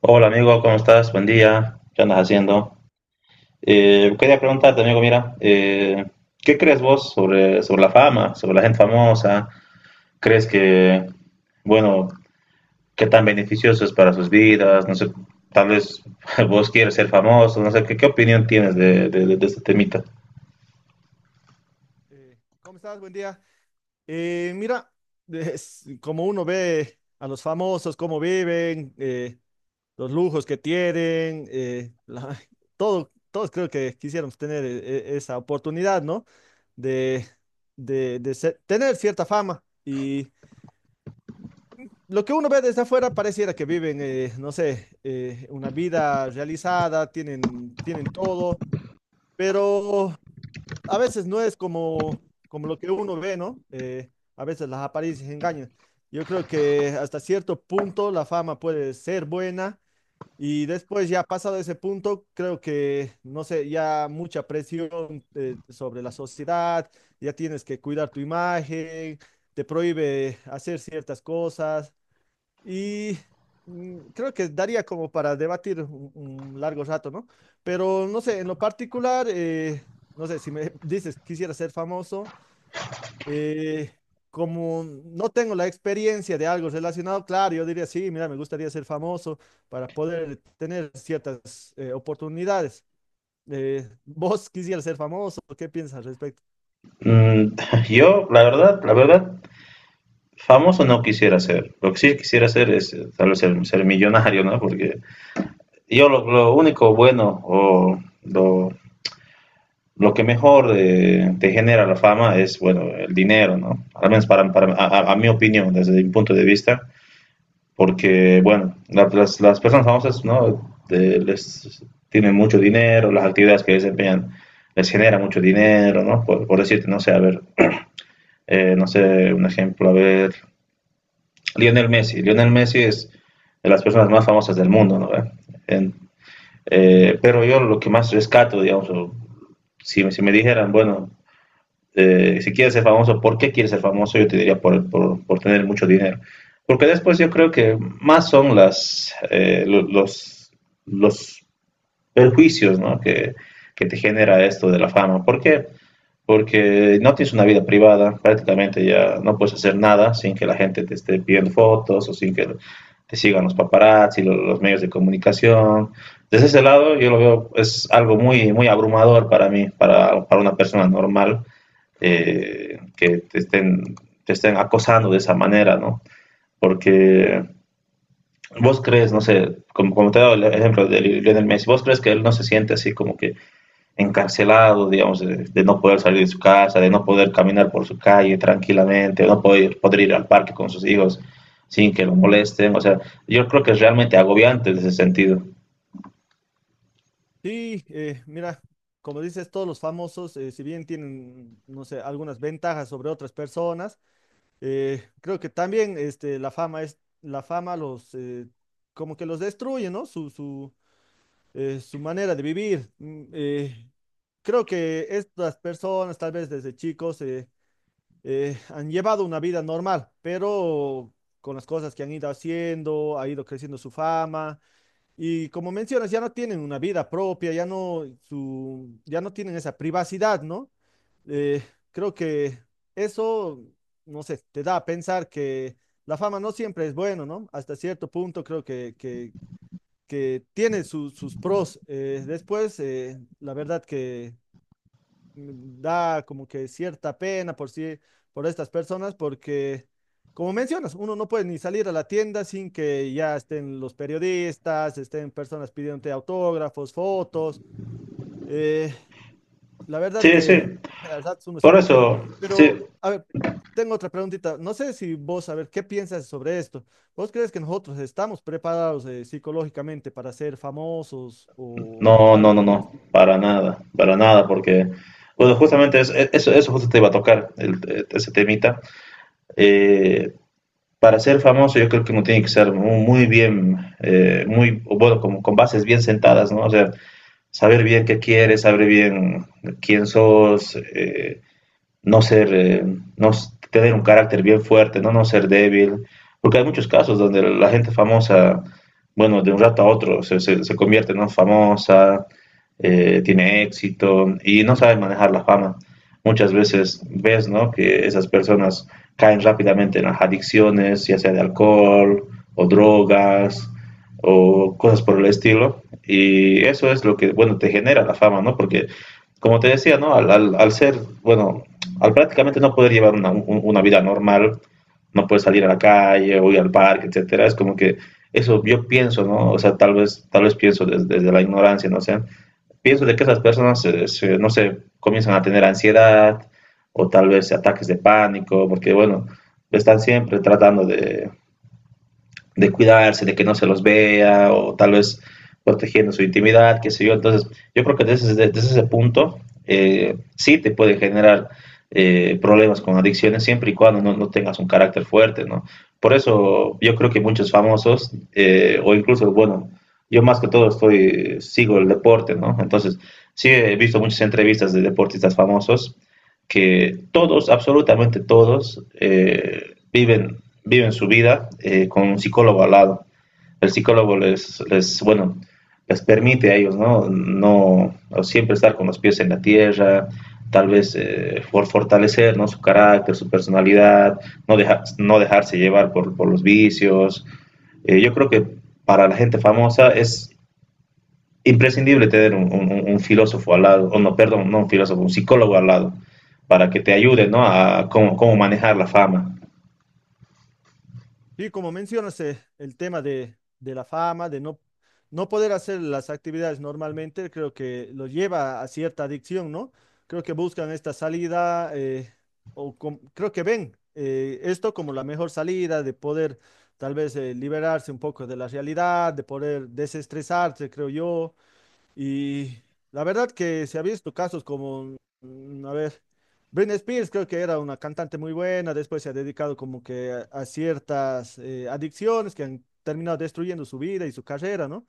Hola amigo, ¿cómo estás? Buen día, ¿qué andas haciendo? Quería preguntarte, amigo, mira, ¿qué crees vos sobre la fama, sobre la gente famosa? ¿Crees que, bueno, qué tan beneficioso es para sus vidas? No sé, tal vez vos quieres ser famoso, no sé, ¿qué opinión tienes de este temita? ¿Cómo estás? Buen día. Mira, es como uno ve a los famosos, cómo viven, los lujos que tienen, todo, todos creo que quisiéramos tener esa oportunidad, ¿no? De, Tener cierta fama. Y lo que uno ve desde afuera pareciera que viven, no sé, una vida realizada, tienen, tienen todo, pero a veces no es como, como lo que uno ve, ¿no? A veces las apariencias engañan. Yo creo que hasta cierto punto la fama puede ser buena y después ya pasado ese punto, creo que, no sé, ya mucha presión sobre la sociedad, ya tienes que cuidar tu imagen, te prohíbe hacer ciertas cosas. Y Creo que daría como para debatir un largo rato, ¿no? Pero no sé, en lo particular, no sé, si me dices quisiera ser famoso, eh, como no tengo la experiencia de algo relacionado, claro, yo diría sí, mira, me gustaría ser famoso para poder tener ciertas oportunidades. ¿Vos quisieras ser famoso? ¿Qué piensas al respecto? Mm, yo, la verdad, famoso no quisiera ser. Lo que sí quisiera ser es tal vez ser millonario, ¿no? Porque yo lo único bueno o lo que mejor te genera la fama es, bueno, el dinero, ¿no? Al menos para mi opinión, desde mi punto de vista, porque, bueno, las personas famosas, ¿no? De, les tienen mucho dinero, las actividades que desempeñan les genera mucho dinero, ¿no? Por decirte, no sé, a ver, no sé, un ejemplo, a ver, Lionel Messi. Lionel Messi es de las personas más famosas del mundo, ¿no? En, pero yo lo que más rescato, digamos, si me dijeran, bueno, si quieres ser famoso, ¿por qué quieres ser famoso? Yo te diría por tener mucho dinero. Porque después yo creo que más son los perjuicios, ¿no? Que te genera esto de la fama. ¿Por qué? Porque no tienes una vida privada, prácticamente ya no puedes hacer nada sin que la gente te esté pidiendo fotos o sin que te sigan los paparazzi, los medios de comunicación. Desde ese lado yo lo veo, es algo muy abrumador para mí, para una persona normal, eh, que te estén, te estén acosando de esa manera, ¿no? Porque vos crees, no sé, como te he dado el ejemplo de Lionel Messi, vos crees que él no se siente así como que encarcelado, digamos, de no poder salir de su casa, de no poder caminar por su calle tranquilamente, de no poder ir al parque con sus hijos sin que lo molesten. O sea, yo creo que es realmente agobiante en ese sentido. Sí, mira. Como dices, todos los famosos, si bien tienen, no sé, algunas ventajas sobre otras personas. Creo que también este, la fama es, la fama los como que los destruye, ¿no? Su manera de vivir. Creo que estas personas, tal vez desde chicos, han llevado una vida normal, pero con las cosas que han ido haciendo, ha ido creciendo su fama, y como mencionas, ya no tienen una vida propia, ya no, su, ya no tienen esa privacidad, ¿no? Eh, Creo que eso, no sé, te da a pensar que la fama no siempre es bueno, ¿no? Hasta cierto punto creo que que tiene sus pros. Después, la verdad que da como que cierta pena por sí, por estas personas, porque, como mencionas, uno no puede ni salir a la tienda sin que ya estén los periodistas, estén personas pidiéndote autógrafos, fotos. eh, la verdad Sí, sí, que a ratos uno por siente pena. eso, sí. Pero, a ver, tengo otra preguntita. No sé si vos, a ver, ¿qué piensas sobre esto? ¿Vos crees que nosotros estamos preparados psicológicamente para ser famosos o No, no, algo no, por el no, estilo? Para nada, porque, bueno, justamente eso, eso justo te iba a tocar, ese temita. Eh, para ser famoso yo creo que uno tiene que ser muy bien, o bueno, como con bases bien sentadas, ¿no? O sea, saber bien qué quieres, saber bien quién sos, no ser, no tener un carácter bien fuerte, no, no ser débil, porque hay muchos casos donde la gente famosa, bueno, de un rato a otro se convierte, ¿no? Famosa, tiene éxito y no sabe manejar la fama. Muchas veces ves, ¿no? Que esas personas caen rápidamente en las adicciones, ya sea de alcohol o drogas o cosas por el estilo. Y eso es lo que, bueno, te genera la fama, ¿no? Porque, como te decía, ¿no? Al ser, bueno, al prácticamente no poder llevar una vida normal, no poder salir a la calle o ir al parque, etcétera, es como que eso yo pienso, ¿no? O sea, tal vez pienso desde la ignorancia, no sé. Pienso de que esas personas, no sé, comienzan a tener ansiedad o tal vez ataques de pánico, porque bueno, están siempre tratando de cuidarse, de que no se los vea, o tal vez protegiendo su intimidad, qué sé yo. Entonces, yo creo que desde ese punto sí te puede generar problemas con adicciones siempre y cuando no tengas un carácter fuerte, ¿no? Por eso yo creo que muchos famosos, o incluso, bueno, yo más que todo estoy, sigo el deporte, ¿no? Entonces, sí he visto muchas entrevistas de deportistas famosos que todos, absolutamente todos, viven su vida con un psicólogo al lado. El psicólogo bueno, les permite a ellos, ¿no? No siempre estar con los pies en la tierra, tal vez fortalecer, ¿no? Su carácter, su personalidad, no dejarse llevar por los vicios. Yo creo que para la gente famosa es imprescindible tener un filósofo al lado, o no, perdón, no un filósofo, un psicólogo al lado, para que te ayude, ¿no?, a cómo, cómo manejar la fama. Y como mencionas, el tema de la fama, de no, no poder hacer las actividades normalmente, creo que lo lleva a cierta adicción, ¿no? Creo que buscan esta salida, creo que ven esto como la mejor salida de poder tal vez liberarse un poco de la realidad, de poder desestresarse, creo yo. Y la verdad que se ha visto casos como, a ver, Britney Spears creo que era una cantante muy buena, después se ha dedicado como que a ciertas adicciones que han terminado destruyendo su vida y su carrera, ¿no?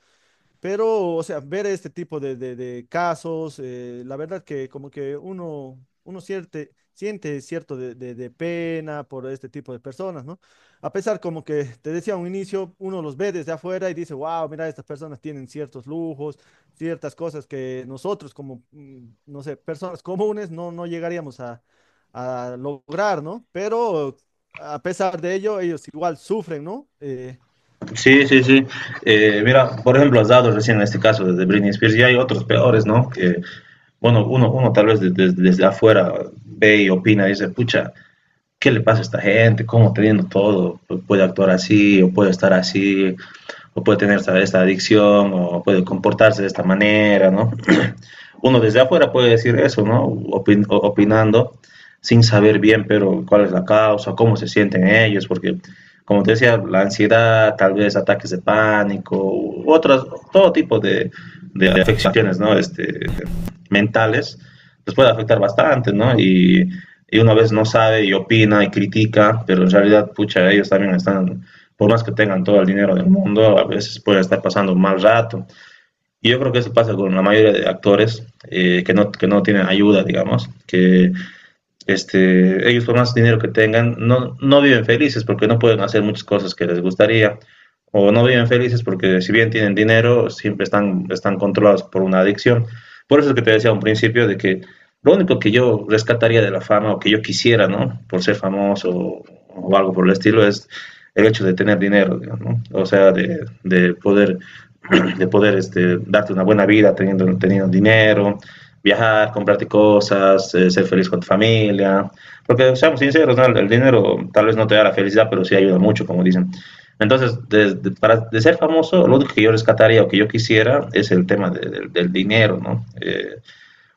Pero, o sea, ver este tipo de casos, la verdad que como que uno, uno siente cierto de pena por este tipo de personas, ¿no? A pesar como que te decía a un inicio, uno los ve desde afuera y dice, wow, mira, estas personas tienen ciertos lujos, ciertas cosas que nosotros como, no sé, personas comunes no, no llegaríamos a lograr, ¿no? Pero a pesar de ello, ellos igual sufren, ¿no? Sí, sí, sí. Mira, por ejemplo, has dado recién en este caso de Britney Spears y hay otros peores, ¿no? Que, bueno, uno tal vez desde afuera ve y opina y dice, pucha, ¿qué le pasa a esta gente? ¿Cómo teniendo todo puede actuar así o puede estar así o puede tener esta adicción o puede comportarse de esta manera, ¿no? Uno desde afuera puede decir eso, ¿no? Opinando sin saber bien, pero cuál es la causa, cómo se sienten ellos, porque como te decía, la ansiedad, tal vez ataques de pánico, u otras, todo tipo de afecciones, ¿no? Este, mentales, les puede afectar bastante, ¿no? Y una vez no sabe y opina y critica, pero en realidad, pucha, ellos también están, por más que tengan todo el dinero del mundo, a veces pueden estar pasando un mal rato. Y yo creo que eso pasa con la mayoría de actores, que no tienen ayuda, digamos, que este, ellos por más dinero que tengan, no viven felices porque no pueden hacer muchas cosas que les gustaría, o no viven felices porque si bien tienen dinero, siempre están controlados por una adicción. Por eso es que te decía a un principio de que lo único que yo rescataría de la fama o que yo quisiera, ¿no? Por ser famoso o algo por el estilo, es el hecho de tener dinero, ¿no? O sea, de poder, de poder este, darte una buena vida teniendo dinero, viajar, comprarte cosas, ser feliz con tu familia. Porque, seamos sinceros, ¿no?, el dinero tal vez no te da la felicidad, pero sí ayuda mucho, como dicen. Entonces, de ser famoso, lo único que yo rescataría o que yo quisiera es el tema del dinero, ¿no?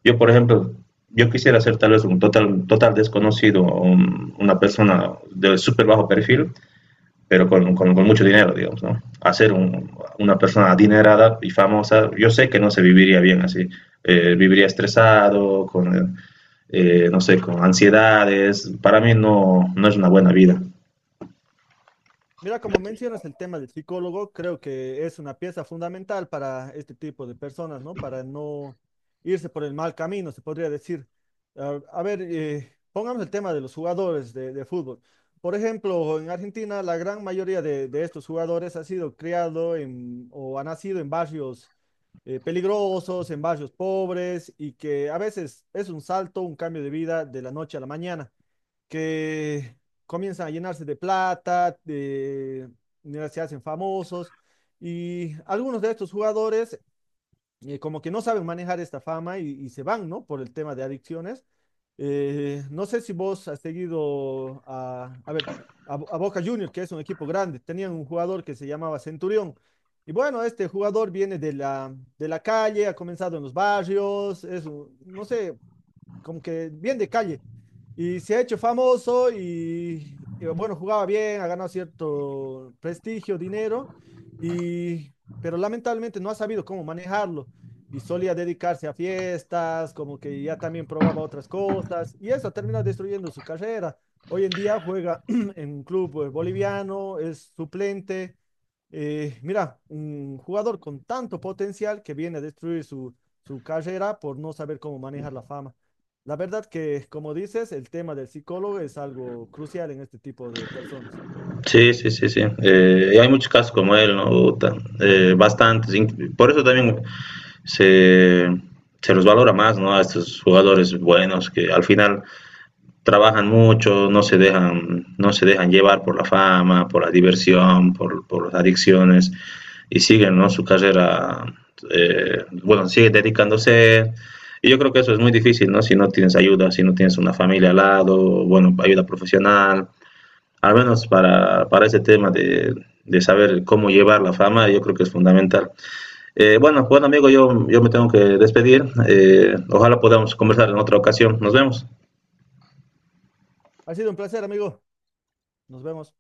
Yo, por ejemplo, yo quisiera ser tal vez un total desconocido, una persona de súper bajo perfil, pero con mucho dinero, digamos, ¿no? Hacer una persona adinerada y famosa, yo sé que no se viviría bien así, viviría estresado, con, no sé, con ansiedades. Para mí no, no es una buena vida. Mira, como mencionas el tema del psicólogo, creo que es una pieza fundamental para este tipo de personas, ¿no? Para no irse por el mal camino, se podría decir. A ver, pongamos el tema de los jugadores de fútbol. Por ejemplo, en Argentina, la gran mayoría de estos jugadores ha sido criado en, o ha nacido en barrios peligrosos, en barrios pobres, y que a veces es un salto, un cambio de vida de la noche a la mañana que comienzan a llenarse de plata, de, se hacen famosos y algunos de estos jugadores como que no saben manejar esta fama y, se van, ¿no? Por el tema de adicciones. No sé si vos has seguido a ver, a Boca Juniors, que es un equipo grande, tenían un jugador que se llamaba Centurión. Y bueno, este jugador viene de la calle, ha comenzado en los barrios, es, un, no sé, como que bien de calle. Y se ha hecho famoso y, bueno, jugaba bien, ha ganado cierto prestigio, dinero, y, pero lamentablemente no ha sabido cómo manejarlo. Y solía dedicarse a fiestas, como que ya también probaba otras cosas, y eso termina destruyendo su carrera. Hoy en día juega en un club boliviano, es suplente. Mira, un jugador con tanto potencial que viene a destruir su, su carrera por no saber cómo manejar la fama. La verdad que, como dices, el tema del psicólogo es algo crucial en este tipo de personas. Sí, sí, sí, sí. Y hay muchos casos como él, ¿no? Bastantes. Por eso también se, se los valora más, ¿no? A estos jugadores buenos que al final trabajan mucho, no se dejan, no se dejan llevar por la fama, por la diversión, por las adicciones y siguen, ¿no?, su carrera, bueno, siguen dedicándose. Y yo creo que eso es muy difícil, ¿no? Si no tienes ayuda, si no tienes una familia al lado, bueno, ayuda profesional, al menos para ese tema de saber cómo llevar la fama, yo creo que es fundamental. Bueno, bueno amigo, yo me tengo que despedir. Ojalá podamos conversar en otra ocasión. Nos vemos. Ha sido un placer, amigo. Nos vemos.